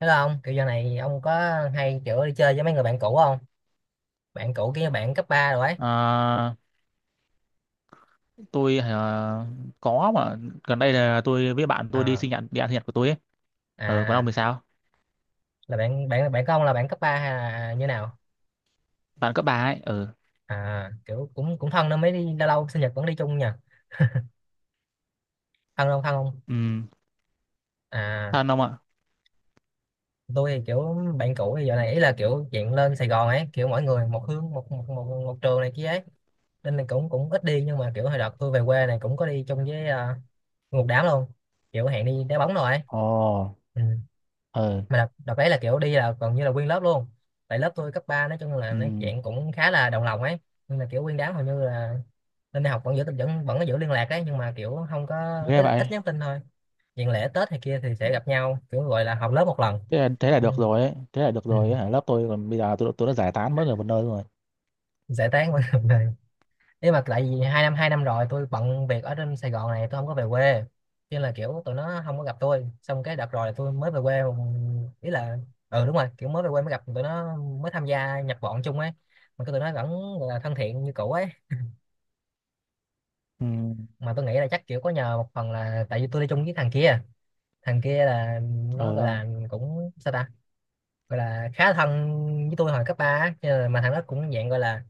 Thế là ông kiểu giờ này ông có hay kiểu đi chơi với mấy người bạn cũ không? Bạn cũ kia bạn cấp 3 rồi ấy. À, tôi à, có mà gần đây là tôi với bạn tôi đi Ờ, sinh nhật đi ăn sinh nhật của tôi ấy. Ờ, còn ông à, thì sao? là bạn bạn bạn của ông là bạn cấp 3 hay là như nào? Bạn cấp ba ấy. Ờ, À kiểu cũng cũng thân nên mới đi lâu lâu sinh nhật vẫn đi chung nha. Thân không, thân không? ừ, À, thân ông ạ. tôi thì kiểu bạn cũ thì giờ này ý là kiểu chuyện lên Sài Gòn ấy, kiểu mỗi người một hướng, một trường này kia ấy. Nên là cũng cũng ít đi, nhưng mà kiểu hồi đợt tôi về quê này cũng có đi chung với một đám luôn. Kiểu hẹn đi đá bóng rồi ấy. Ồ, Ừ. ờ, Mà đợt đấy là kiểu đi là gần như là nguyên lớp luôn, tại lớp tôi cấp 3 nói chung là nói ừ, chuyện cũng khá là đồng lòng ấy, nhưng mà kiểu nguyên đám hầu như là lên đại học vẫn giữ vẫn vẫn có giữ liên lạc ấy, nhưng mà kiểu không có ghê ít, vậy. ít nhắn tin thôi, chuyện lễ Tết hay kia thì sẽ gặp nhau kiểu gọi là họp lớp một lần. Thế là được rồi ấy. Thế là được Ừ. rồi ấy. Hả? Lớp tôi còn bây giờ tôi đã giải tán mỗi người một nơi rồi. Giải tán mọi người, nếu mà tại vì 2 năm 2 năm rồi tôi bận việc ở trên Sài Gòn này, tôi không có về quê, cho nên là kiểu tụi nó không có gặp tôi, xong cái đợt rồi là tôi mới về quê, ý là ừ đúng rồi, kiểu mới về quê mới gặp tụi nó, mới tham gia nhập bọn chung ấy, mà cái tụi nó vẫn gọi là thân thiện như cũ ấy, Ừ, mà tôi nghĩ là chắc kiểu có nhờ một phần là tại vì tôi đi chung với thằng kia. Thằng kia là nó ờ, gọi không? là cũng sao ta, gọi là khá thân với tôi hồi cấp ba á. Mà thằng đó cũng dạng gọi là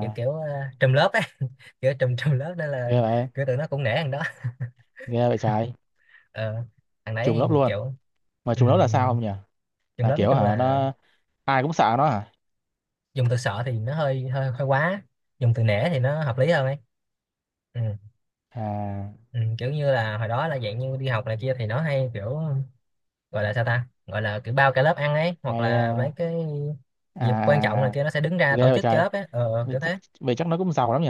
kiểu kiểu trùm lớp ấy. Kiểu trùm trùm lớp nên ghê là vậy, kiểu tụi nó cũng nể thằng đó. ghê vậy trái. ờ, thằng Trùng đấy lớp luôn. kiểu Mà um, trùng lớp là sao không nhỉ? trường Là lớp nói kiểu chung hả, là nó, ai cũng sợ nó hả? dùng từ sợ thì nó hơi hơi hơi quá, dùng từ nể thì nó hợp lý hơn ấy. Ừ, À, ừ, kiểu như là hồi đó là dạng như đi học này kia thì nó hay kiểu gọi là sao ta, gọi là kiểu bao cả lớp ăn ấy, hoặc hay, là mấy à, cái dịp quan trọng này à, kia nó sẽ đứng ra tổ ghê chức cho vậy, lớp ấy, vậy kiểu chắc thế. vậy chắc nó cũng giàu lắm nhỉ.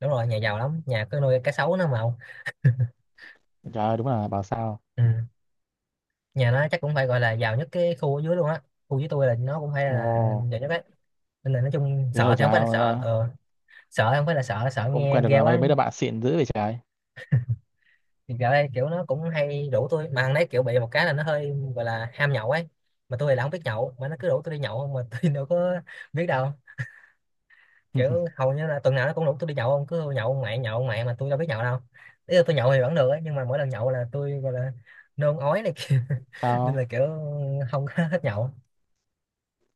Đúng rồi nhà giàu lắm, nhà cứ nuôi cá sấu nó mà ông. Trời ơi, đúng là bảo sao. Ừ. Nhà nó chắc cũng phải gọi là giàu nhất cái khu ở dưới luôn á, khu dưới tôi là nó cũng phải là Ồ giàu nhất ấy, nên là nói chung thế sợ rồi thì không trời phải là ông, sợ, ờ, sợ không phải là sợ, sợ ông quen nghe được ghê ờ, mấy quá. mấy đứa bạn xịn dữ vậy trời. Thì gạo đây kiểu nó cũng hay rủ tôi, mà thằng đấy kiểu bị một cái là nó hơi gọi là ham nhậu ấy, mà tôi thì là không biết nhậu mà nó cứ rủ tôi đi nhậu không mà tôi đâu có biết đâu. Kiểu hầu như là tuần nào nó cũng rủ tôi đi nhậu không, cứ nhậu ông mẹ nhậu ông mẹ, mà tôi đâu biết nhậu đâu. Ý là tôi nhậu thì vẫn được ấy, nhưng mà mỗi lần nhậu là tôi gọi là nôn ói này kia, nên là Sao? kiểu không có hết nhậu.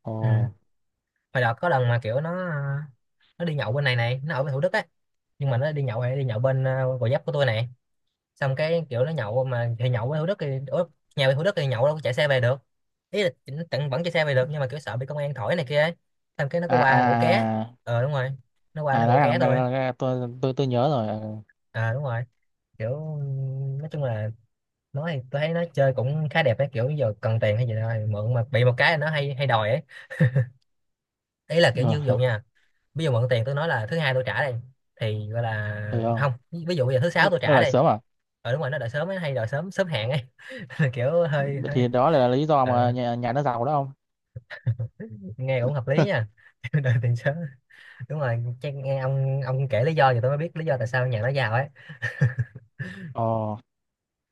Ồ, Ừ. Hồi đợt có lần mà kiểu nó đi nhậu bên này này, nó ở bên Thủ Đức ấy, nhưng mà nó đi nhậu hay đi nhậu bên Gò Vấp của tôi này, xong cái kiểu nó nhậu mà thì nhậu ở Thủ Đức thì ở nhà về Thủ Đức thì nhậu đâu có chạy xe về được, ý là nó tận vẫn chạy xe về được nhưng mà kiểu sợ bị công an thổi này kia ấy. Xong cái nó có à qua ngủ ké. à à Ờ đúng rồi, nó qua nó à, ngủ nói ké thằng thôi. tôi tôi nhớ rồi ờ. Ờ đúng rồi, kiểu nói chung là nói thì tôi thấy nó chơi cũng khá đẹp ấy, kiểu giờ cần tiền hay gì đó thì mượn, mà bị một cái là nó hay hay đòi ấy. Ý là kiểu như ví dụ nha, ví dụ mượn tiền tôi nói là thứ Hai tôi trả đây, thì gọi Ờ, là được không? không, ví dụ bây giờ thứ Sáu tôi Nó trả lại đây. sớm à? Ờ đúng rồi, nó đợi sớm ấy, hay đòi sớm, sớm hẹn ấy, kiểu hơi Vậy hơi thì đó là lý do ờ mà nhà nó giàu đó không? nghe cũng hợp lý nha. Đời tiền sớ đúng rồi, chắc nghe ông kể lý do thì tôi mới biết lý do tại sao nhà nó giàu ấy. Ồ,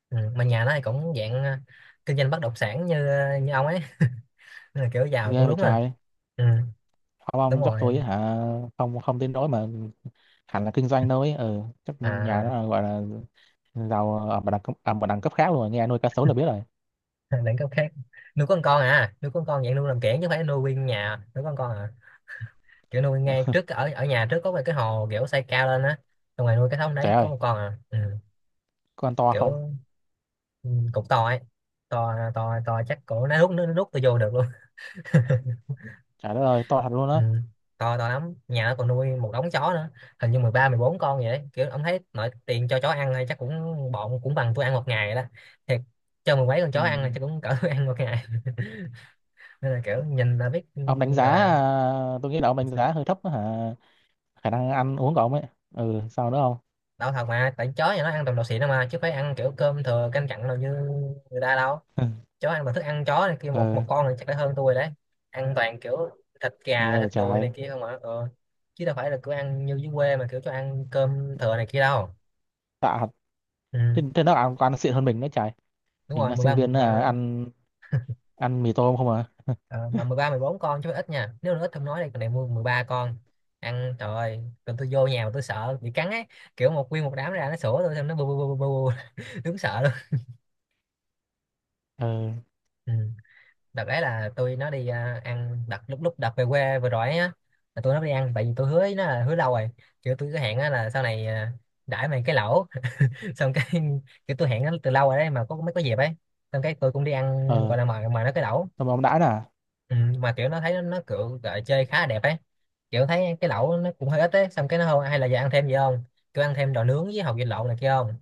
Ừ. Mà nhà nó thì cũng dạng kinh doanh bất động sản như như ông ấy, nên là kiểu giàu ghê cũng vậy đúng à. trời. Ừ. Không Đúng ông chắc rồi tôi hả? Không không đến nỗi mà hẳn là kinh doanh đâu ấy, ừ chắc nhà à. nó là gọi là giàu ở một đẳng cấp ở một đẳng cấp khác luôn, nghe nuôi cá sấu là biết rồi. Đẳng cấp khác, nuôi con à, nuôi con dạng nuôi làm kiểng chứ không phải nuôi nguyên nhà nuôi con à, kiểu nuôi ngay trước ở ở nhà trước có một cái hồ kiểu xây cao lên á, xong rồi nuôi cái thống đấy Trời có ơi, một con à. Ừ. con to không? Kiểu ừ, cũng to ấy, to to to chắc cổ nó rút nó rút tôi vô được luôn. Trời đất ơi, to thật luôn Ừ. á. To to lắm, nhà nó còn nuôi một đống chó nữa, hình như 13-14 con vậy đấy. Kiểu ông thấy nội tiền cho chó ăn thôi chắc cũng bọn cũng bằng tôi ăn một ngày đó, thiệt, cho mười mấy con Ừ. chó ăn là chắc cũng cỡ tôi ăn một ngày. Nên là kiểu nhìn là biết. Ừ, Ông đánh giá, gọi là à, tôi nghĩ là ông đánh giá hơi thấp á hả? Khả năng ăn uống của ông ấy. Ừ, sao nữa không? đau thật mà tại chó nhà nó ăn toàn đồ xịn đâu, mà chứ phải ăn kiểu cơm thừa canh cặn đâu như người ta đâu. Chó ăn toàn thức ăn chó này kia, một Ừ, một con này chắc đã hơn tôi đấy, ăn toàn kiểu thịt gà nghe thịt vậy đùi này trời. kia không mà. Ừ. Chứ đâu phải là cứ ăn như dưới quê mà kiểu cho ăn cơm thừa này kia đâu. Tạ thật. Ừ. Thế, thế nó ăn, ăn xịn hơn mình nữa trời. Đúng Mình rồi, là mười ba sinh mười viên à, mà, ăn ăn mì tôm không à? ờ, mà 13-14 con chứ ít nha, nếu nó ít không nói đây còn này mua 13 con ăn, trời ơi. Còn tôi vô nhà mà tôi sợ bị cắn ấy, kiểu một nguyên một đám ra nó sủa tôi, xong nó bu bu bu bu bu bu. Đúng sợ luôn. Ừ, Ừ. Đợt đấy là tôi nó đi ăn đợt lúc lúc đợt về quê vừa rồi ấy á, là tôi nó đi ăn tại vì tôi hứa với nó là hứa lâu rồi, kiểu tôi cứ hẹn á là sau này đãi mày cái lẩu. Xong cái kiểu tôi hẹn nó từ lâu rồi đấy mà có mới có dịp ấy, xong cái tôi cũng đi ăn ừ. gọi là mời mời nó cái lẩu. Xong rồi ông đãi nè. Ừ, mà kiểu nó thấy nó kiểu gọi chơi khá là đẹp ấy, kiểu thấy cái lẩu nó cũng hơi ít ấy, xong cái nó không hay là giờ ăn thêm gì không, cứ ăn thêm đồ nướng với hột vịt lộn này kia không,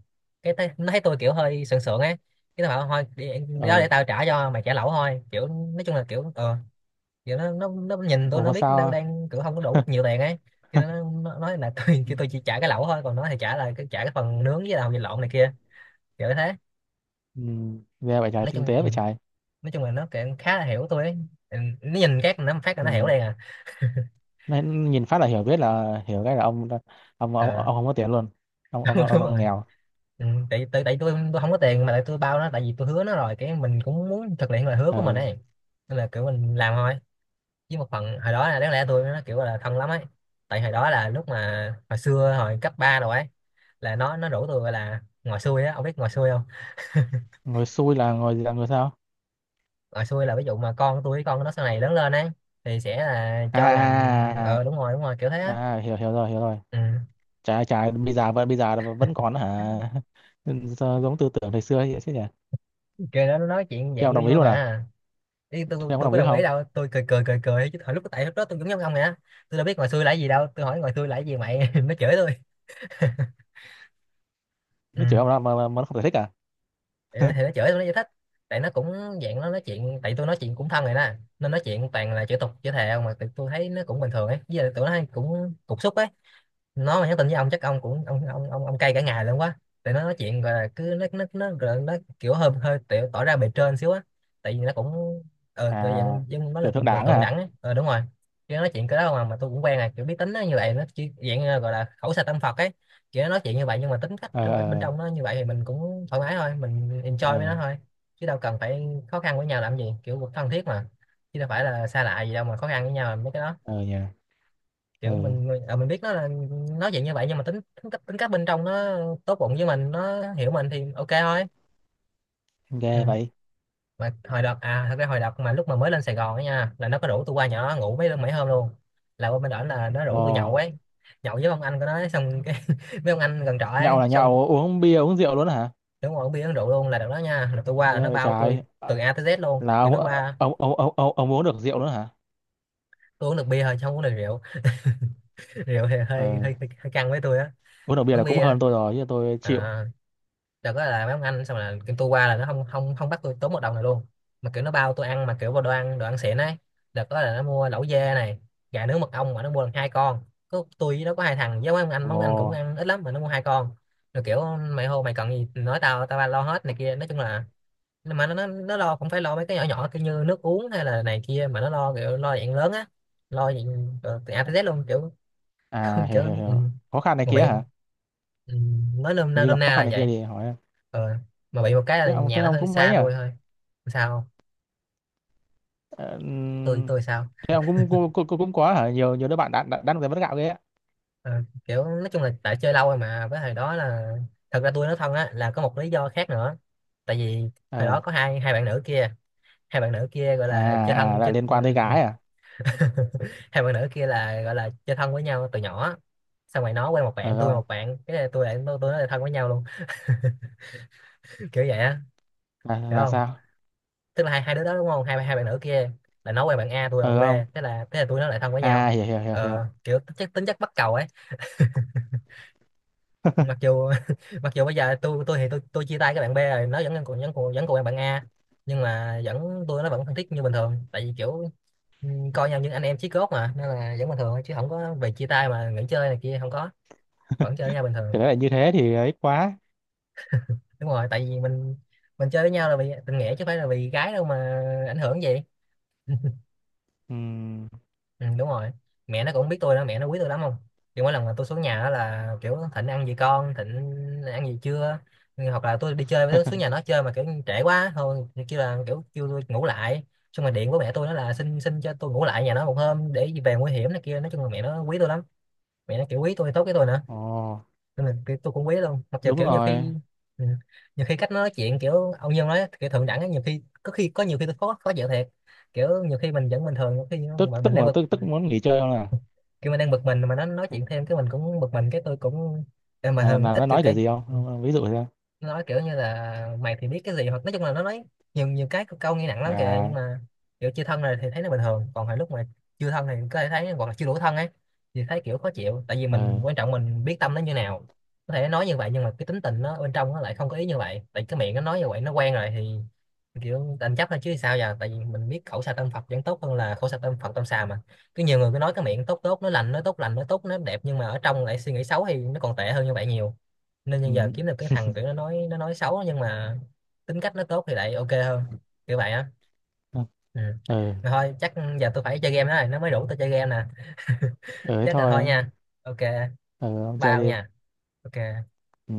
nó thấy tôi kiểu hơi sượng sượng ấy, cái nó bảo thôi đi, đi đó Ừ, để tao trả cho mày, trả lẩu thôi, kiểu nói chung là kiểu kiểu nó nhìn tôi, ủa nó mà biết đang sao? đang kiểu không có đủ nhiều tiền ấy, cho nên nó nói là tôi Ừ. kêu tôi chỉ trả cái lẩu thôi, còn nó thì trả cái phần nướng với là hột vịt lộn này kia, kiểu thế. Ừ, nghe vậy trời, Nói tinh chung. tế Ừ. vậy trời. Nói chung là nó kiểu khá là hiểu tôi ấy. Ừ, nó nhìn các nó phát là Ừ. nó hiểu đây à. Nó nhìn phát là hiểu biết là hiểu cái là ông ông, Ờ. ông không có tiền luôn. Ông Đúng ông đang rồi, nghèo. ừ, tại tại tại tôi không có tiền, mà tại tôi bao nó tại vì tôi hứa nó rồi, cái mình cũng muốn thực hiện lời hứa của mình Ừ. ấy, nên là kiểu mình làm thôi. Với một phần hồi đó là đáng lẽ tôi nó kiểu là thân lắm ấy, tại hồi đó là lúc mà hồi xưa hồi cấp 3 rồi ấy, là nó rủ tôi gọi là ngồi xuôi á, ông biết ngồi xuôi không? Ngồi xui là ngồi gì, là ngồi sao? Ngồi xuôi là ví dụ mà con tôi với con nó sau này lớn lên ấy thì sẽ là À cho làm. Ờ à, đúng rồi đúng rồi, kiểu thế à, á. à à, hiểu hiểu rồi hiểu rồi. Ừ. Trái trái bây giờ vẫn còn hả? Sao giống tư tưởng thời xưa ấy chứ nhỉ? Kêu nó nói chuyện Thì dạng ông đồng vui ý vui luôn à? mà. Ý, Thì tôi ông có tôi đồng có ý đồng ý không? đâu, tôi cười cười cười cười chứ hồi lúc tại lúc đó tôi cũng giống ông nè, tôi đâu biết ngoài xui là cái gì đâu, tôi hỏi ngoài xui là cái gì mày nó chửi tôi. Ừ. Mới chửi ông mà, mà nó không giải thích à? Thì nó chửi tôi, nó giải thích. Tại nó cũng dạng nó nói chuyện, tại tôi nói chuyện cũng thân rồi đó, nên nói chuyện toàn là chửi tục chửi thề không, mà tụi tôi thấy nó cũng bình thường ấy. Với lại tụi nó hay cũng cục xúc ấy. Nó mà nhắn tin với ông chắc ông cũng ông cay cả ngày luôn quá. Tại nó nói chuyện, gọi là cứ nó gọi là nó kiểu hơi hơi tiểu, tỏ ra bề trên xíu á. Tại vì nó cũng, kiểu À dạng dân nó kiểu là thượng cũng từ đảng thượng hả? đẳng ấy. Ờ, đúng rồi. Chứ nói chuyện cái đó mà tôi cũng quen à, kiểu biết tính nó như vậy. Nó chỉ dạng như gọi là khẩu sạch tâm Phật ấy, kiểu nó nói chuyện như vậy nhưng mà tính cách Ờ trong bên ờ. trong nó như vậy thì mình cũng thoải mái thôi, mình Ờ enjoy với nó thôi. Chứ đâu cần phải khó khăn với nhau làm gì, kiểu thân thiết mà, chứ đâu phải là xa lạ gì đâu mà khó khăn với nhau làm mấy cái đó. ờ nhỉ. Ờ Kiểu mình người- à, mình biết nó là nói chuyện như vậy nhưng mà tính tính cách bên trong nó tốt bụng với mình, nó hiểu mình thì ok thôi. Ừ. ghê vậy. Mà hồi đợt, à thật ra hồi đợt mà lúc mà mới lên Sài Gòn á nha, là nó có rủ tôi qua nhỏ ngủ mấy mấy hôm luôn. Là qua bên đó là nó Ồ rủ tôi nhậu ấy, nhậu với ông anh của nó ấy, xong cái với ông anh gần trọ nhậu ấy. là Xong nhậu uống bia uống rượu luôn hả? kiểu ngồi uống bia uống rượu luôn. Là đợt đó nha, là tôi qua là Ghê nó vậy bao tôi trời. từ Ờ, A tới Z luôn, là kiểu ông nó ờ, qua. Ông uống được rượu nữa hả? Tôi uống được bia thôi chứ không uống được rượu. Rượu thì hơi hơi Ờ hơi, hơi căng với tôi á. uống được bia Uống là cũng bia. hơn tôi rồi chứ tôi chịu. À, đợt đó là mấy ông anh, xong là kiểu tôi qua là nó không không không bắt tôi tốn một đồng này luôn, mà kiểu nó bao tôi ăn mà kiểu vào đồ ăn, đồ ăn xịn ấy. Đợt đó là nó mua lẩu dê này, gà nướng mật ong, mà nó mua được hai con. Có tôi với nó, có hai thằng với mấy ông anh, mấy Ồ. ông anh cũng ăn ít lắm mà nó mua hai con. Rồi kiểu mày hô mày cần gì nói tao, tao lo hết này kia. Nói chung là nhưng mà nó lo không phải lo mấy cái nhỏ nhỏ kiểu như nước uống hay là này kia, mà nó lo kiểu lo dạng lớn á, lo dạng từ A tới Z luôn kiểu. À hiểu Kiểu hiểu ừ. hiểu. Khó khăn này Mà kia bị, hả? ừ, nói nôm Hình na như nôm gặp na khó khăn là này kia vậy. thì hỏi em. Ờ, mà bị một cái là Thế ông nhà thế nó ông hơi cũng xa mấy à? tôi thôi. Sao không? Ờ, tôi tôi sao. thế ông cũng cũng cũng, cũng cũng có hả? Nhiều nhiều đứa bạn đã đang giải mất gạo ghê á. Ờ, kiểu nói chung là tại chơi lâu rồi mà, với hồi đó là, thật ra tôi nói thân á là có một lý do khác nữa. Tại vì hồi Ờ. đó có hai hai bạn nữ kia, hai bạn nữ kia gọi là À chơi à thân là chơi. liên quan tới gái à? Hai bạn nữ kia là gọi là chơi thân với nhau từ nhỏ, xong rồi nó quen một Ờ bạn, tôi quen không. một bạn, cái này tôi lại tôi nói là thân với nhau luôn. Kiểu vậy á. Hiểu Là không? sao? Tức là hai hai đứa đó đúng không, hai hai bạn nữ kia là nó quen bạn A, tôi Ờ quen bạn không. B, thế là tụi nó lại thân với À nhau. hiểu hiểu hiểu hiểu. Ờ, kiểu tính chất bắt cầu ấy. Mặc dù mặc dù bây giờ tôi thì tôi chia tay cái bạn B rồi, nó vẫn còn vẫn còn quen bạn A, nhưng mà vẫn, tôi nó vẫn thân thiết như bình thường. Tại vì kiểu, ừ, coi nhau như anh em chí cốt mà, nên là vẫn bình thường thôi, chứ không có về chia tay mà nghỉ chơi này kia, không có, vẫn chơi với nhau bình thường. Thì đấy là như thế thì ấy quá. Đúng rồi, tại vì mình chơi với nhau là vì tình nghĩa chứ không phải là vì gái đâu mà ảnh hưởng gì. Ừm. Ừ, đúng rồi. Mẹ nó cũng biết tôi đó, mẹ nó quý tôi lắm không, kiểu mỗi lần mà tôi xuống nhà đó là kiểu Thịnh ăn gì, con Thịnh ăn gì chưa. Ừ, hoặc là tôi đi chơi với- xuống nhà nó chơi mà kiểu trễ quá thôi thì kêu là kiểu kêu tôi ngủ lại, xong rồi điện của mẹ tôi, nó là xin, cho tôi ngủ lại nhà nó một hôm để về nguy hiểm này kia. Nói chung là mẹ nó quý tôi lắm, mẹ nó kiểu quý tôi, tốt với tôi nữa, Ồ, nên là kiểu tôi cũng quý luôn. Mặc dù đúng kiểu nhiều rồi. khi, ừ, nhiều khi cách nó nói chuyện kiểu ông Nhân nói kiểu thượng đẳng ấy, nhiều khi, có khi, có nhiều khi tôi khó khó chịu thiệt. Kiểu nhiều khi mình vẫn bình thường, nhiều khi Tức mà mình tức đang mà bực, tức tức muốn nghỉ chơi không à? kiểu mình đang bực mình mà nó nói chuyện thêm cái mình cũng bực mình, cái tôi cũng em mà hơn Là ít nó kiểu nói kiểu cái. gì không? Ông- Ví dụ thế. Nó nói kiểu như là mày thì biết cái gì, hoặc nói chung là nó nói nhiều nhiều cái câu nghe nặng lắm kìa, nhưng À mà kiểu chưa thân rồi thì thấy nó bình thường, còn hồi lúc mà chưa thân thì có thể thấy hoặc là chưa đủ thân ấy thì thấy kiểu khó chịu. Tại vì mình ờ quan trọng, mình biết tâm nó như nào, có thể nói như vậy nhưng mà cái tính tình nó bên trong nó lại không có ý như vậy, tại cái miệng nó nói như vậy nó quen rồi thì kiểu đành chấp thôi chứ sao giờ. Tại vì mình biết khẩu xà tâm Phật vẫn tốt hơn là khẩu xà tâm Phật tâm xà mà, cứ nhiều người cứ nói cái miệng tốt tốt nó lành, nó tốt lành, nó tốt nó đẹp, nhưng mà ở trong lại suy nghĩ xấu thì nó còn tệ hơn như vậy nhiều. Nên ừ. bây giờ kiếm được cái thằng kiểu nó nói, nó nói xấu nhưng mà tính cách nó tốt thì lại ok hơn, kiểu vậy á. Ừ, Ừ. ừ Mà thôi, chắc giờ tôi phải chơi game đó rồi, nó mới đủ tôi chơi game nè. ừ thế Chắc là thôi thôi. nha. Ok, Ừ ông chơi bao đi. nha. Ok. Ừ.